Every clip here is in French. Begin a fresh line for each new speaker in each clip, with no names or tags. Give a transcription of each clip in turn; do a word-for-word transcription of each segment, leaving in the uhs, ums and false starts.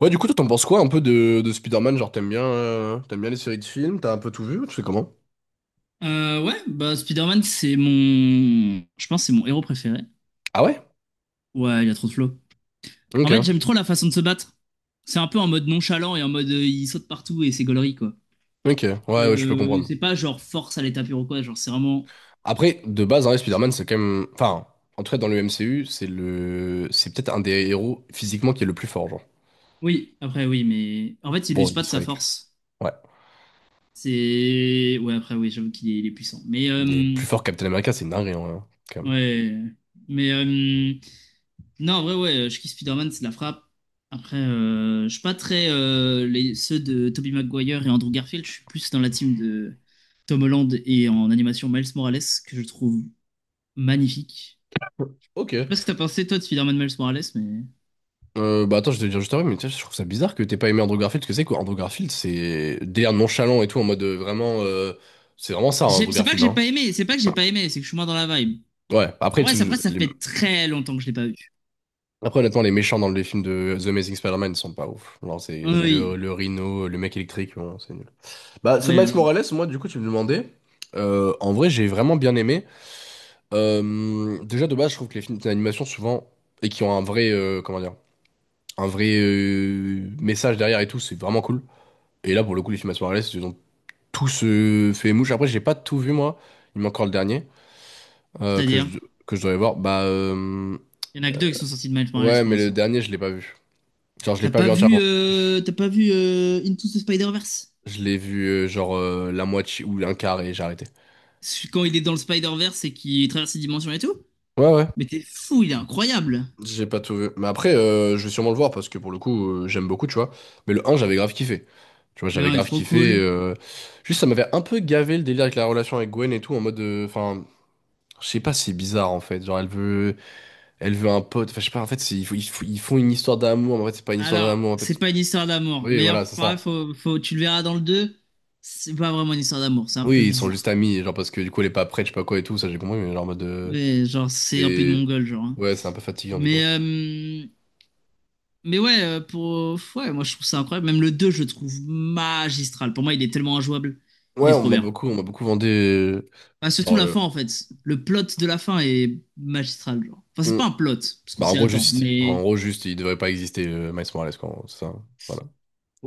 Ouais, du coup, toi, t'en penses quoi un peu de, de Spider-Man? Genre, t'aimes bien, euh, t'aimes bien les séries de films? T'as un peu tout vu? Tu sais comment?
Euh, ouais, bah Spider-Man, c'est mon. Je pense que c'est mon héros préféré.
Ah ouais?
Ouais, il a trop de flow. En
Ok,
fait, j'aime trop la façon de se battre. C'est un peu en mode nonchalant et en mode euh, il saute partout et c'est gaulerie, quoi.
ok, ouais, ouais, je peux
Euh,
comprendre.
c'est pas genre force à l'état pur ou quoi, genre c'est vraiment.
Après, de base, hein, Spider-Man, c'est quand même. Enfin, en tout cas, dans le M C U, c'est le. C'est peut-être un des héros physiquement qui est le plus fort, genre.
Oui, après oui, mais. En fait, il
Bon,
use pas
il
de sa
serait.
force.
Ouais.
C'est. Ouais, après oui, j'avoue qu'il est, il est puissant. Mais.
Il est
euh,
plus fort que Captain America, c'est une dinguerie, en vrai, hein, quand même.
Ouais. Mais. euh, Non, en vrai, ouais, je kiffe Spider-Man, c'est de la frappe. Après, euh, je suis pas très. euh, les, ceux de Tobey Maguire et Andrew Garfield, je suis plus dans la team de Tom Holland et en animation Miles Morales, que je trouve magnifique.
Ok.
Je sais pas ce que t'as pensé, toi, de Spider-Man Miles Morales, mais.
Euh, bah attends, je vais te dire juste après, mais tiens, je trouve ça bizarre que t'aies pas aimé Andrew Garfield, parce que c'est quoi? Andrew Garfield, c'est délire nonchalant et tout, en mode euh, vraiment. euh, C'est vraiment ça, hein,
J'ai-
Andrew
C'est pas que
Garfield,
j'ai
hein.
pas aimé, c'est pas que j'ai pas aimé, c'est que je suis moins dans la vibe.
Ouais,
En
après,
vrai, c'est- après, ça
les-
fait très longtemps que je l'ai pas vu.
après, honnêtement, les méchants dans les films de The Amazing Spider-Man sont pas ouf. Genre,
Ah
c'est bah,
Oui,
le, le Rhino, le mec électrique, bon, c'est nul. Bah, ce
ouais,
Miles
voilà.
Morales, moi, du coup, tu me demandais. Euh, en vrai, j'ai vraiment bien aimé. Euh, déjà, de base, je trouve que les films d'animation, souvent, et qui ont un vrai, euh, comment dire, un vrai euh, message derrière et tout, c'est vraiment cool. Et là, pour le coup, les films Miles Morales, ils ont tous euh, fait mouche. Après, j'ai pas tout vu, moi. Il manque encore le dernier euh, que
C'est-à-dire,
je, que je devrais voir. Bah, euh,
il y en a que deux qui sont sortis de Miles Morales
ouais,
pour
mais le
l'instant.
dernier, je l'ai pas vu. Genre, je l'ai
T'as
pas
pas
vu
vu,
entièrement.
euh, t'as pas vu euh, Into the Spider-Verse?
Je l'ai vu euh, genre euh, la moitié ou un quart et j'ai arrêté.
quand il est dans le Spider-Verse et qu'il traverse les dimensions et tout.
Ouais, ouais.
Mais t'es fou, il est incroyable.
J'ai pas tout vu. Mais après, euh, je vais sûrement le voir parce que pour le coup, euh, j'aime beaucoup, tu vois. Mais le un, j'avais grave kiffé. Tu vois,
Le
j'avais
un est
grave
trop
kiffé.
cool.
euh, Juste, ça m'avait un peu gavé le délire avec la relation avec Gwen et tout, en mode. euh, Enfin, je sais pas, c'est bizarre en fait. Genre, elle veut, elle veut un pote. Enfin, je sais pas, en fait, c'est- ils, font- ils font ils font une histoire d'amour, mais en fait, c'est pas une histoire
Alors,
d'amour, en fait.
c'est pas une histoire d'amour,
Oui,
mais
voilà, c'est
enfin,
ça.
faut, faut, tu le verras dans le deux. C'est pas vraiment une histoire d'amour, c'est un peu
Oui, ils sont
bizarre.
juste amis, genre parce que du coup, elle est pas prête, je sais pas quoi et tout, ça j'ai compris, mais genre en mode. euh,
Mais genre, c'est un peu de
C'est.
mongol, genre. Hein.
Ouais, c'est un peu fatigant du coup.
Mais, euh, mais ouais, euh, pour, ouais, moi je trouve ça incroyable. Même le deux, je le trouve magistral. Pour moi, il est tellement injouable. Il
Ouais,
est
on
trop
m'a
bien.
beaucoup, on m'a beaucoup vendu. euh,
Bah, surtout
Genre,
la
euh,
fin, en fait. Le plot de la fin est magistral, genre. Enfin, c'est
on-
pas un plot, parce qu'on
bah, en
s'y
gros,
attend,
juste, en
mais
gros, juste, il devrait pas exister, euh, Miles Morales, quoi. En gros, c'est ça. Voilà.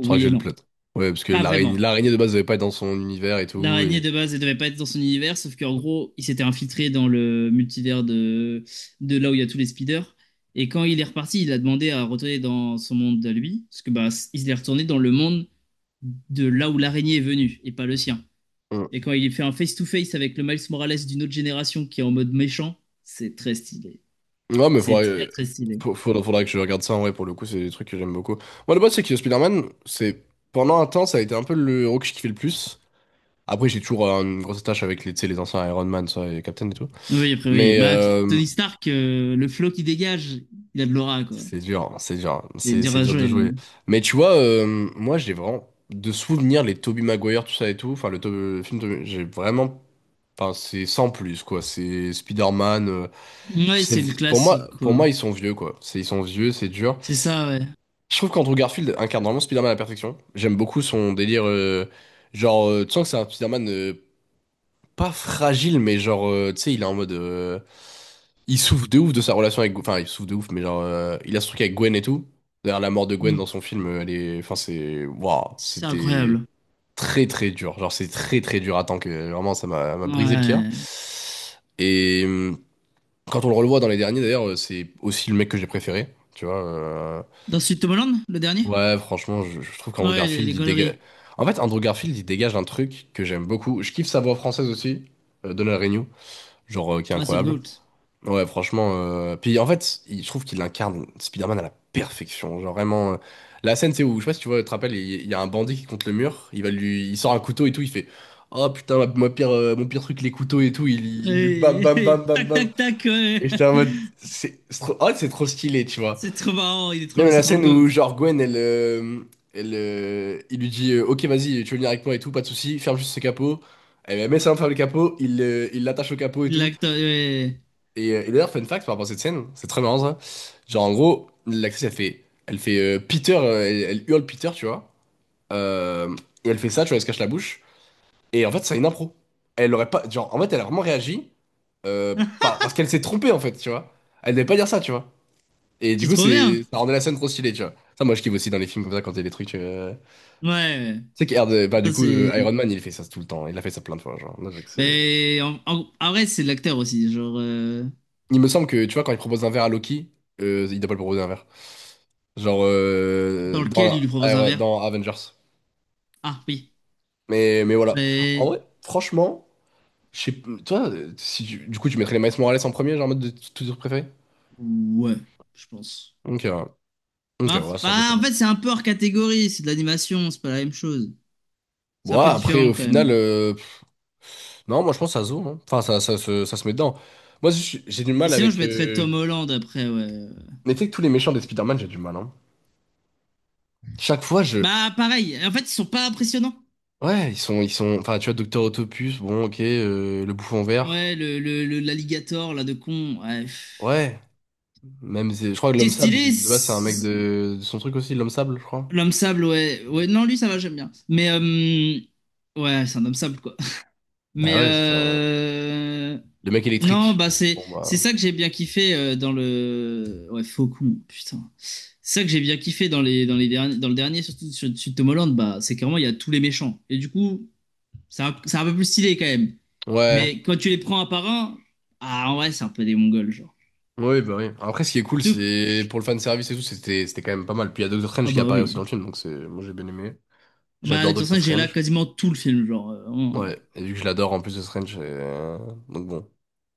Je crois que j'ai
et
le
non.
plot. Ouais, parce que
Pas
l'araignée,
vraiment.
l'araignée de base devait pas être dans son univers et tout.
L'araignée
Et...
de base, elle devait pas être dans son univers, sauf qu'en gros, il s'était infiltré dans le multivers de, de là où il y a tous les speeders. Et quand il est reparti, il a demandé à retourner dans son monde à lui, parce que bah, il est retourné dans le monde de là où l'araignée est venue, et pas le sien.
Mm.
Et quand il fait un face-to-face avec le Miles Morales d'une autre génération qui est en mode méchant, c'est très stylé.
Ouais, mais
C'est
faudrait,
très
euh,
très stylé.
faut- faudra- faudra que je regarde ça. En vrai, pour le coup, c'est des trucs que j'aime beaucoup. Moi, le base, c'est que Spider-Man, c'est pendant un temps, ça a été un peu le héros que je kiffais le plus. Après, j'ai toujours euh, une grosse attache avec les, tu sais, les anciens Iron Man, ça, et Captain et tout.
Oui, après oui.
Mais
Bah,
euh,
Tony Stark, euh, le flow qu'il dégage, il a de l'aura, quoi.
c'est dur, c'est dur,
C'est
c'est
dur
c'est
à
dur de
jouer.
jouer. Mais tu vois, euh, moi j'ai vraiment de souvenirs les Tobey Maguire, tout ça et tout. Enfin, le, To- le film, Tobey- j'ai vraiment, enfin c'est sans plus quoi. C'est Spider-Man. Euh, puis
Ouais,
c'est
c'est le
pour moi,
classique,
pour
quoi.
moi ils sont vieux quoi. C'est ils sont vieux, c'est dur.
C'est ça, ouais.
Je trouve qu'Andrew Garfield incarne vraiment Spider-Man à la perfection. J'aime beaucoup son délire, euh, genre euh, tu sens que c'est un Spider-Man. Euh, pas fragile, mais genre, euh, tu sais, il est en mode. Euh, il souffre de ouf de sa relation avec. Enfin, il souffre de ouf, mais genre, euh, il a ce truc avec Gwen et tout. D'ailleurs, la mort de Gwen
Mm.
dans son film, euh, elle est. Enfin, c'est. Waouh,
C'est
c'était
incroyable.
très très dur. Genre, c'est très très dur à que vraiment, ça m'a m'a brisé le cœur.
Ouais.
Et euh, quand on le revoit dans les derniers, d'ailleurs, euh, c'est aussi le mec que j'ai préféré. Tu vois. euh,
Dans Sud Tomorrowland, le dernier?
Ouais, franchement, je, je trouve qu'Andrew
Ouais, les,
Garfield,
les
il dégage.
galeries.
En fait, Andrew Garfield, il dégage un truc que j'aime beaucoup. Je kiffe sa voix française aussi, euh, Donald Renew genre euh, qui est
Ouais, c'est le
incroyable.
GOAT.
Ouais, franchement. euh, Puis en fait, il- je trouve qu'il incarne Spider-Man à la perfection. Genre vraiment. euh, La scène, c'est où, je sais pas si tu vois, tu te rappelles, il il y a un bandit qui est contre le mur, il va lui, il sort un couteau et tout, il fait oh putain, ma, ma pire, euh, mon pire truc, les couteaux et tout, il, il lui bam
Et-
bam bam
et-
bam
tac,
bam.
tac, tac, ouais.
Et j'étais en mode, c'est c'est trop... oh, c'est trop stylé, tu vois.
C'est trop marrant, il est trop,
Même
le-
la
c'est trop le
scène
GOAT.
où, genre, Gwen, elle, euh, elle, euh, il lui dit euh, ok, vas-y, tu veux venir avec moi et tout, pas de souci, ferme juste ce capot. Elle met ça ferme le capot, il euh, il l'attache au capot et
Il
tout.
l'acte, ouais.
Et, euh, et d'ailleurs, fun fact par rapport à cette scène, c'est très marrant ça. Genre en gros, l'actrice elle fait, elle fait euh, Peter, euh, elle, elle hurle Peter, tu vois. Euh, et elle fait ça, tu vois, elle se cache la bouche. Et en fait, c'est une impro. Elle aurait pas, genre en fait, elle a vraiment réagi euh, par- parce qu'elle s'est trompée en fait, tu vois. Elle devait pas dire ça, tu vois. Et du
C'est
coup,
trop bien.
c'est ça rendait la scène trop stylée, tu vois. Ça, moi, je kiffe aussi dans les films comme ça quand il y a des trucs. euh,
Ouais, ouais.
Tu sais que bah du
Ça,
coup, euh, Iron
c'est.
Man, il fait ça tout le temps. Il a fait ça plein de fois, genre. Moi, je sais que c'est-
Mais en, en- en vrai, c'est l'acteur aussi, genre, euh,
il me semble que tu vois quand il propose un verre à Loki, euh, il doit pas le proposer un verre. Genre
dans
euh, dans,
lequel il
la-
lui propose un
Air-
verre.
dans Avengers.
Ah, oui.
Mais, mais voilà. En
Mais...
vrai, franchement, je sais p- toi, euh, si tu- du coup, tu mettrais les Miles Morales en premier, genre en mode de tous tes préférés?
Ouais, je pense.
Ok, ouais. Ok,
Bah,
ouais, ça peut se
bah, en
comprendre.
fait, c'est un peu hors catégorie, c'est de l'animation, c'est pas la même chose. C'est
Bon,
un
ouais,
peu
après,
différent
au
quand
final,
même.
euh, pff, non, moi je pense que ça se vaut, hein. Enfin, ça, ça, se ça se met dedans. Moi, je j'ai du
Et
mal
sinon, je
avec.
mettrais
euh,
Tom Holland après, ouais.
Mais tu sais que tous les méchants des Spider-Man, j'ai du mal, hein. Chaque fois, je.
Bah, pareil. En fait, ils sont pas impressionnants.
Ouais, ils sont, ils sont. Enfin, tu vois, Docteur Autopus, bon, ok, euh, le bouffon
Ouais,
vert.
le, le, le- l'alligator, là, de con. Ouais.
Ouais. Même, c'est- je crois que
Qui est
l'homme sable,
stylé,
de base, c'est un mec
c'est-
de, de son truc aussi, l'homme sable, je crois.
l'homme sable, ouais. Ouais, non, lui, ça va, j'aime bien. Mais, euh, ouais, c'est un homme sable, quoi.
Bah
Mais,
ouais, enfin,
euh...
le mec
Non,
électrique.
bah, c'est,
Bon
c'est
bah.
ça que j'ai bien kiffé euh, dans le. Ouais, Faucon, putain. C'est ça que j'ai bien kiffé dans les, dans les derniers, dans le dernier, surtout sur, sur Tom Holland, bah, c'est carrément, il y a tous les méchants. Et du coup. C'est un, c'est un peu plus stylé quand même.
Ouais.
Mais quand tu les prends un par un, ah, en vrai, c'est un peu des Mongols, genre.
Oui, bah oui. Après, ce qui est
Et
cool,
tout.
c'est pour le fan service et tout, c'était c'était quand même pas mal. Puis il y a Doctor
Ah,
Strange qui
bah
apparaît aussi dans
oui.
le film, donc c'est moi j'ai bien aimé.
Ah, Bah,
J'adore
avec
Doctor
ça, j'ai là
Strange.
quasiment tout le film, genre. euh, vraiment.
Ouais, et vu que je l'adore en plus de Strange, euh, donc bon.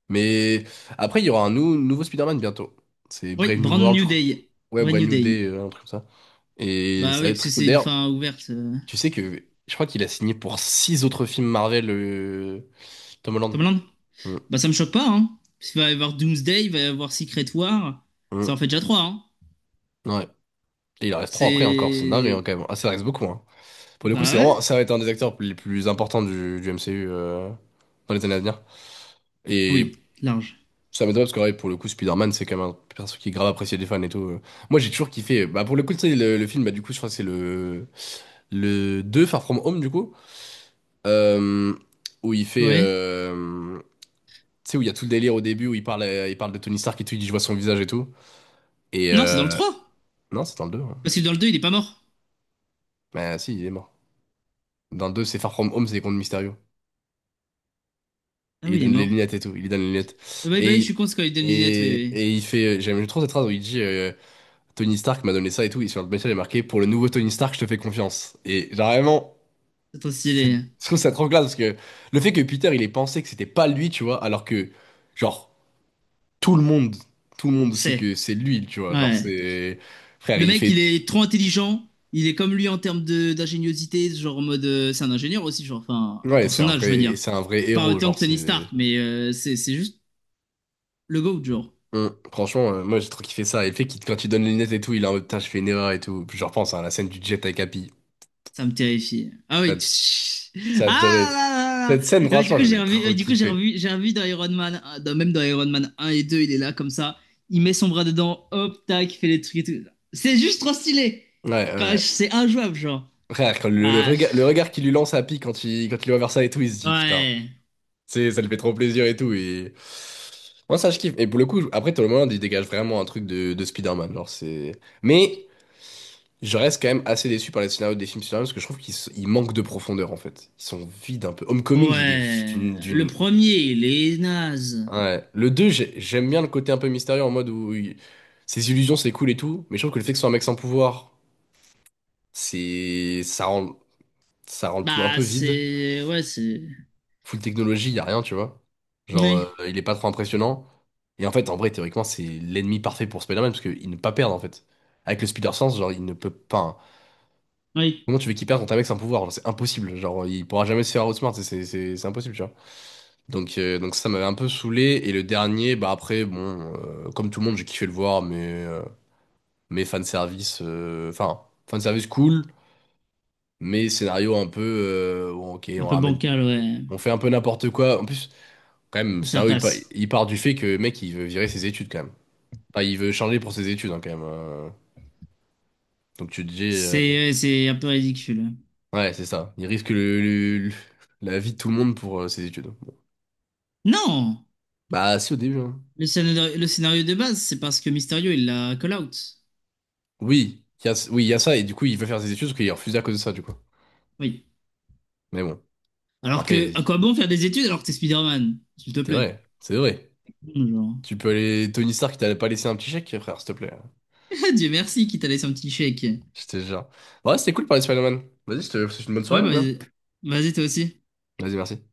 Mais après, il y aura un nou- nouveau Spider-Man bientôt. C'est
Oui,
Brave New
Brand
World, je
New
crois.
Day.
Ouais,
Brand
Brave
New
New
Day.
Day, euh, un truc comme ça. Et
Bah
ça va
oui,
être
parce que
très cool.
c'est une
D'ailleurs,
fin ouverte. euh.
tu sais que je crois qu'il a signé pour six autres films Marvel, euh, Tom Holland.
Tomland.
Mm,
Bah, ça me choque pas, hein. Parce qu'il va y avoir Doomsday, il va y avoir Secret War. Ça en
mm,
fait déjà trois, hein.
ouais. Et il en reste trois après encore, c'est dingue
C'est.
hein, quand même. Ah, ça reste beaucoup, hein. Pour le coup,
Bah
c'est
ouais.
vraiment, ça va être un des acteurs les plus importants du, du M C U euh, dans les années à venir. Et
Oui, large.
ça m'étonne pas parce que ouais, pour le coup, Spider-Man, c'est quand même un perso qui est grave apprécié des fans et tout. euh. Moi, j'ai toujours kiffé. Bah, pour le coup, tu sais, le, le film, bah, du coup, je crois que c'est le, le deux Far From Home, du coup, euh, où il fait.
Ouais.
euh, Tu sais, où il y a tout le délire au début où il parle, euh, il parle de Tony Stark et tout, il dit je vois son visage et tout. Et
Non, c'est dans le
euh...
trois.
Non, c'est dans le deux hein.
Parce que dans le deux il est pas mort.
Bah si, il est mort. Dans le deux, c'est Far From Home, c'est contre Mysterio.
Ah
Il lui
oui, il est
donne les
mort.
lunettes et tout, il lui donne les lunettes.
Ah, bah, oui, bah
Et,
oui, je
il-
suis con, c'est quand il donne une lunette, oui,
et,
oui.
et il fait... euh, j'aime trop cette phrase où il dit euh, Tony Stark m'a donné ça et tout, et sur le message il est marqué «Pour le nouveau Tony Stark, je te fais confiance». Et genre vraiment,
C'est trop
c'est-
stylé.
je trouve ça trop classe parce que le fait que Peter, il ait pensé que c'était pas lui, tu vois, alors que, genre, tout le monde, tout le monde sait que
C'est.
c'est lui, tu vois, genre
Ouais.
c'est... Frère,
Le
il
mec,
fait
il est trop intelligent. Il est comme lui en termes de d'ingéniosité, genre en mode. euh, c'est un ingénieur aussi, genre. Enfin,
ouais,
pour
c'est
son
un
âge, je
vrai,
veux
et
dire.
c'est un vrai
Pas
héros,
autant
genre
que Tony Stark,
c'est.
mais euh, c'est c'est juste le GOAT, genre.
Hum, Franchement, euh, moi j'ai trop kiffé ça. Et le fait qu'il, quand tu donnes les lunettes et tout, il est en mode putain, je fais une erreur et tout. Puis je repense à la scène du jet avec Happy.
Ça me terrifie. Ah oui.
T'as
tch-
t'as
Ah
adoré.
là là là
Cette scène,
là. Euh, du
franchement,
coup,
je
j'ai
l'ai
revu, euh,
trop
du coup, j'ai
kiffé.
revu, j'ai revu dans Iron Man, euh, dans- même dans Iron Man un et deux, il est là comme ça. Il met son bras dedans, hop, tac, il fait les trucs et tout. C'est juste trop stylé.
Ouais,
Quand-
ouais.
C'est injouable, genre.
Frère, quand le, le
Ah,
regard, le regard qu'il lui lance à Happy quand il, quand il voit vers ça et tout, il se dit putain,
ouais.
c'est, ça lui fait trop plaisir et tout. Et moi ça, je kiffe. Et pour le coup, après, tout le monde, il dégage vraiment un truc de, de Spider-Man. Genre c'est. Mais. Je reste quand même assez déçu par les scénarios des films Superman parce que je trouve qu'ils s- ils manquent de profondeur en fait. Ils sont vides un peu. Homecoming, il est
Ouais,
d'une...
le
d'une-
premier, il est naze.
ouais. Le deux, j'ai- j'aime bien le côté un peu mystérieux en mode où il- ses illusions c'est cool et tout, mais je trouve que le fait que ce soit un mec sans pouvoir, c'est... ça rend... ça rend le tout un
Bah,
peu vide.
c'est... Ouais, c'est...
Full technologie, il a rien, tu vois. Genre, euh,
Oui,
il est pas trop impressionnant. Et en fait, en vrai, théoriquement, c'est l'ennemi parfait pour Spider-Man parce qu'il ne peut pas perdre en fait. Avec le Spider-Sense, genre, il ne peut pas, hein.
oui,
Comment tu veux qu'il perde quand un mec c'est un pouvoir? Genre, c'est impossible. Genre, il pourra jamais se faire outsmart. C'est c'est- c'est- c'est impossible, tu vois. Donc, euh, donc ça m'avait un peu saoulé. Et le dernier, bah après, bon, euh, comme tout le monde, j'ai kiffé le voir, mais, euh, mais fanservice, euh, enfin, fanservice cool, mais scénario un peu, euh, bon, ok,
un
on
peu
ramène,
bancal, ouais.
on fait un peu n'importe quoi. En plus, quand même, le
Et ça
scénario, il, pa-
passe.
il part du fait que le mec, il veut virer ses études quand même. Enfin, il veut changer pour ses études, hein, quand même. euh. Donc tu te dis, euh,
C'est ouais, c'est un peu ridicule.
ouais, c'est ça. Il risque le, le- le- la vie de tout le monde pour euh, ses études.
Non!
Bah, si, au début, hein.
Le scénario, le scénario de base, c'est parce que Mysterio, il l'a call out.
Oui, il y a, oui, il y a ça, et du coup, il veut faire ses études parce qu'il est refusé à cause de ça, du coup.
Oui.
Mais bon,
Alors
après,
que, à quoi bon faire des études alors que t'es Spider-Man? S'il te
c'est
plaît.
vrai, c'est vrai.
Genre.
Tu peux aller. Tony Stark, t'allais pas laisser un petit chèque, frère, s'il te plaît.
Dieu merci qu'il t'a laissé un petit chèque. Ouais,
J'étais genre. Ouais, c'était cool de parler de Spider-Man. Vas-y, je te je te souhaite une bonne
bah,
soirée, mon gars.
vas-y, Vas-y, toi aussi.
Vas-y, merci.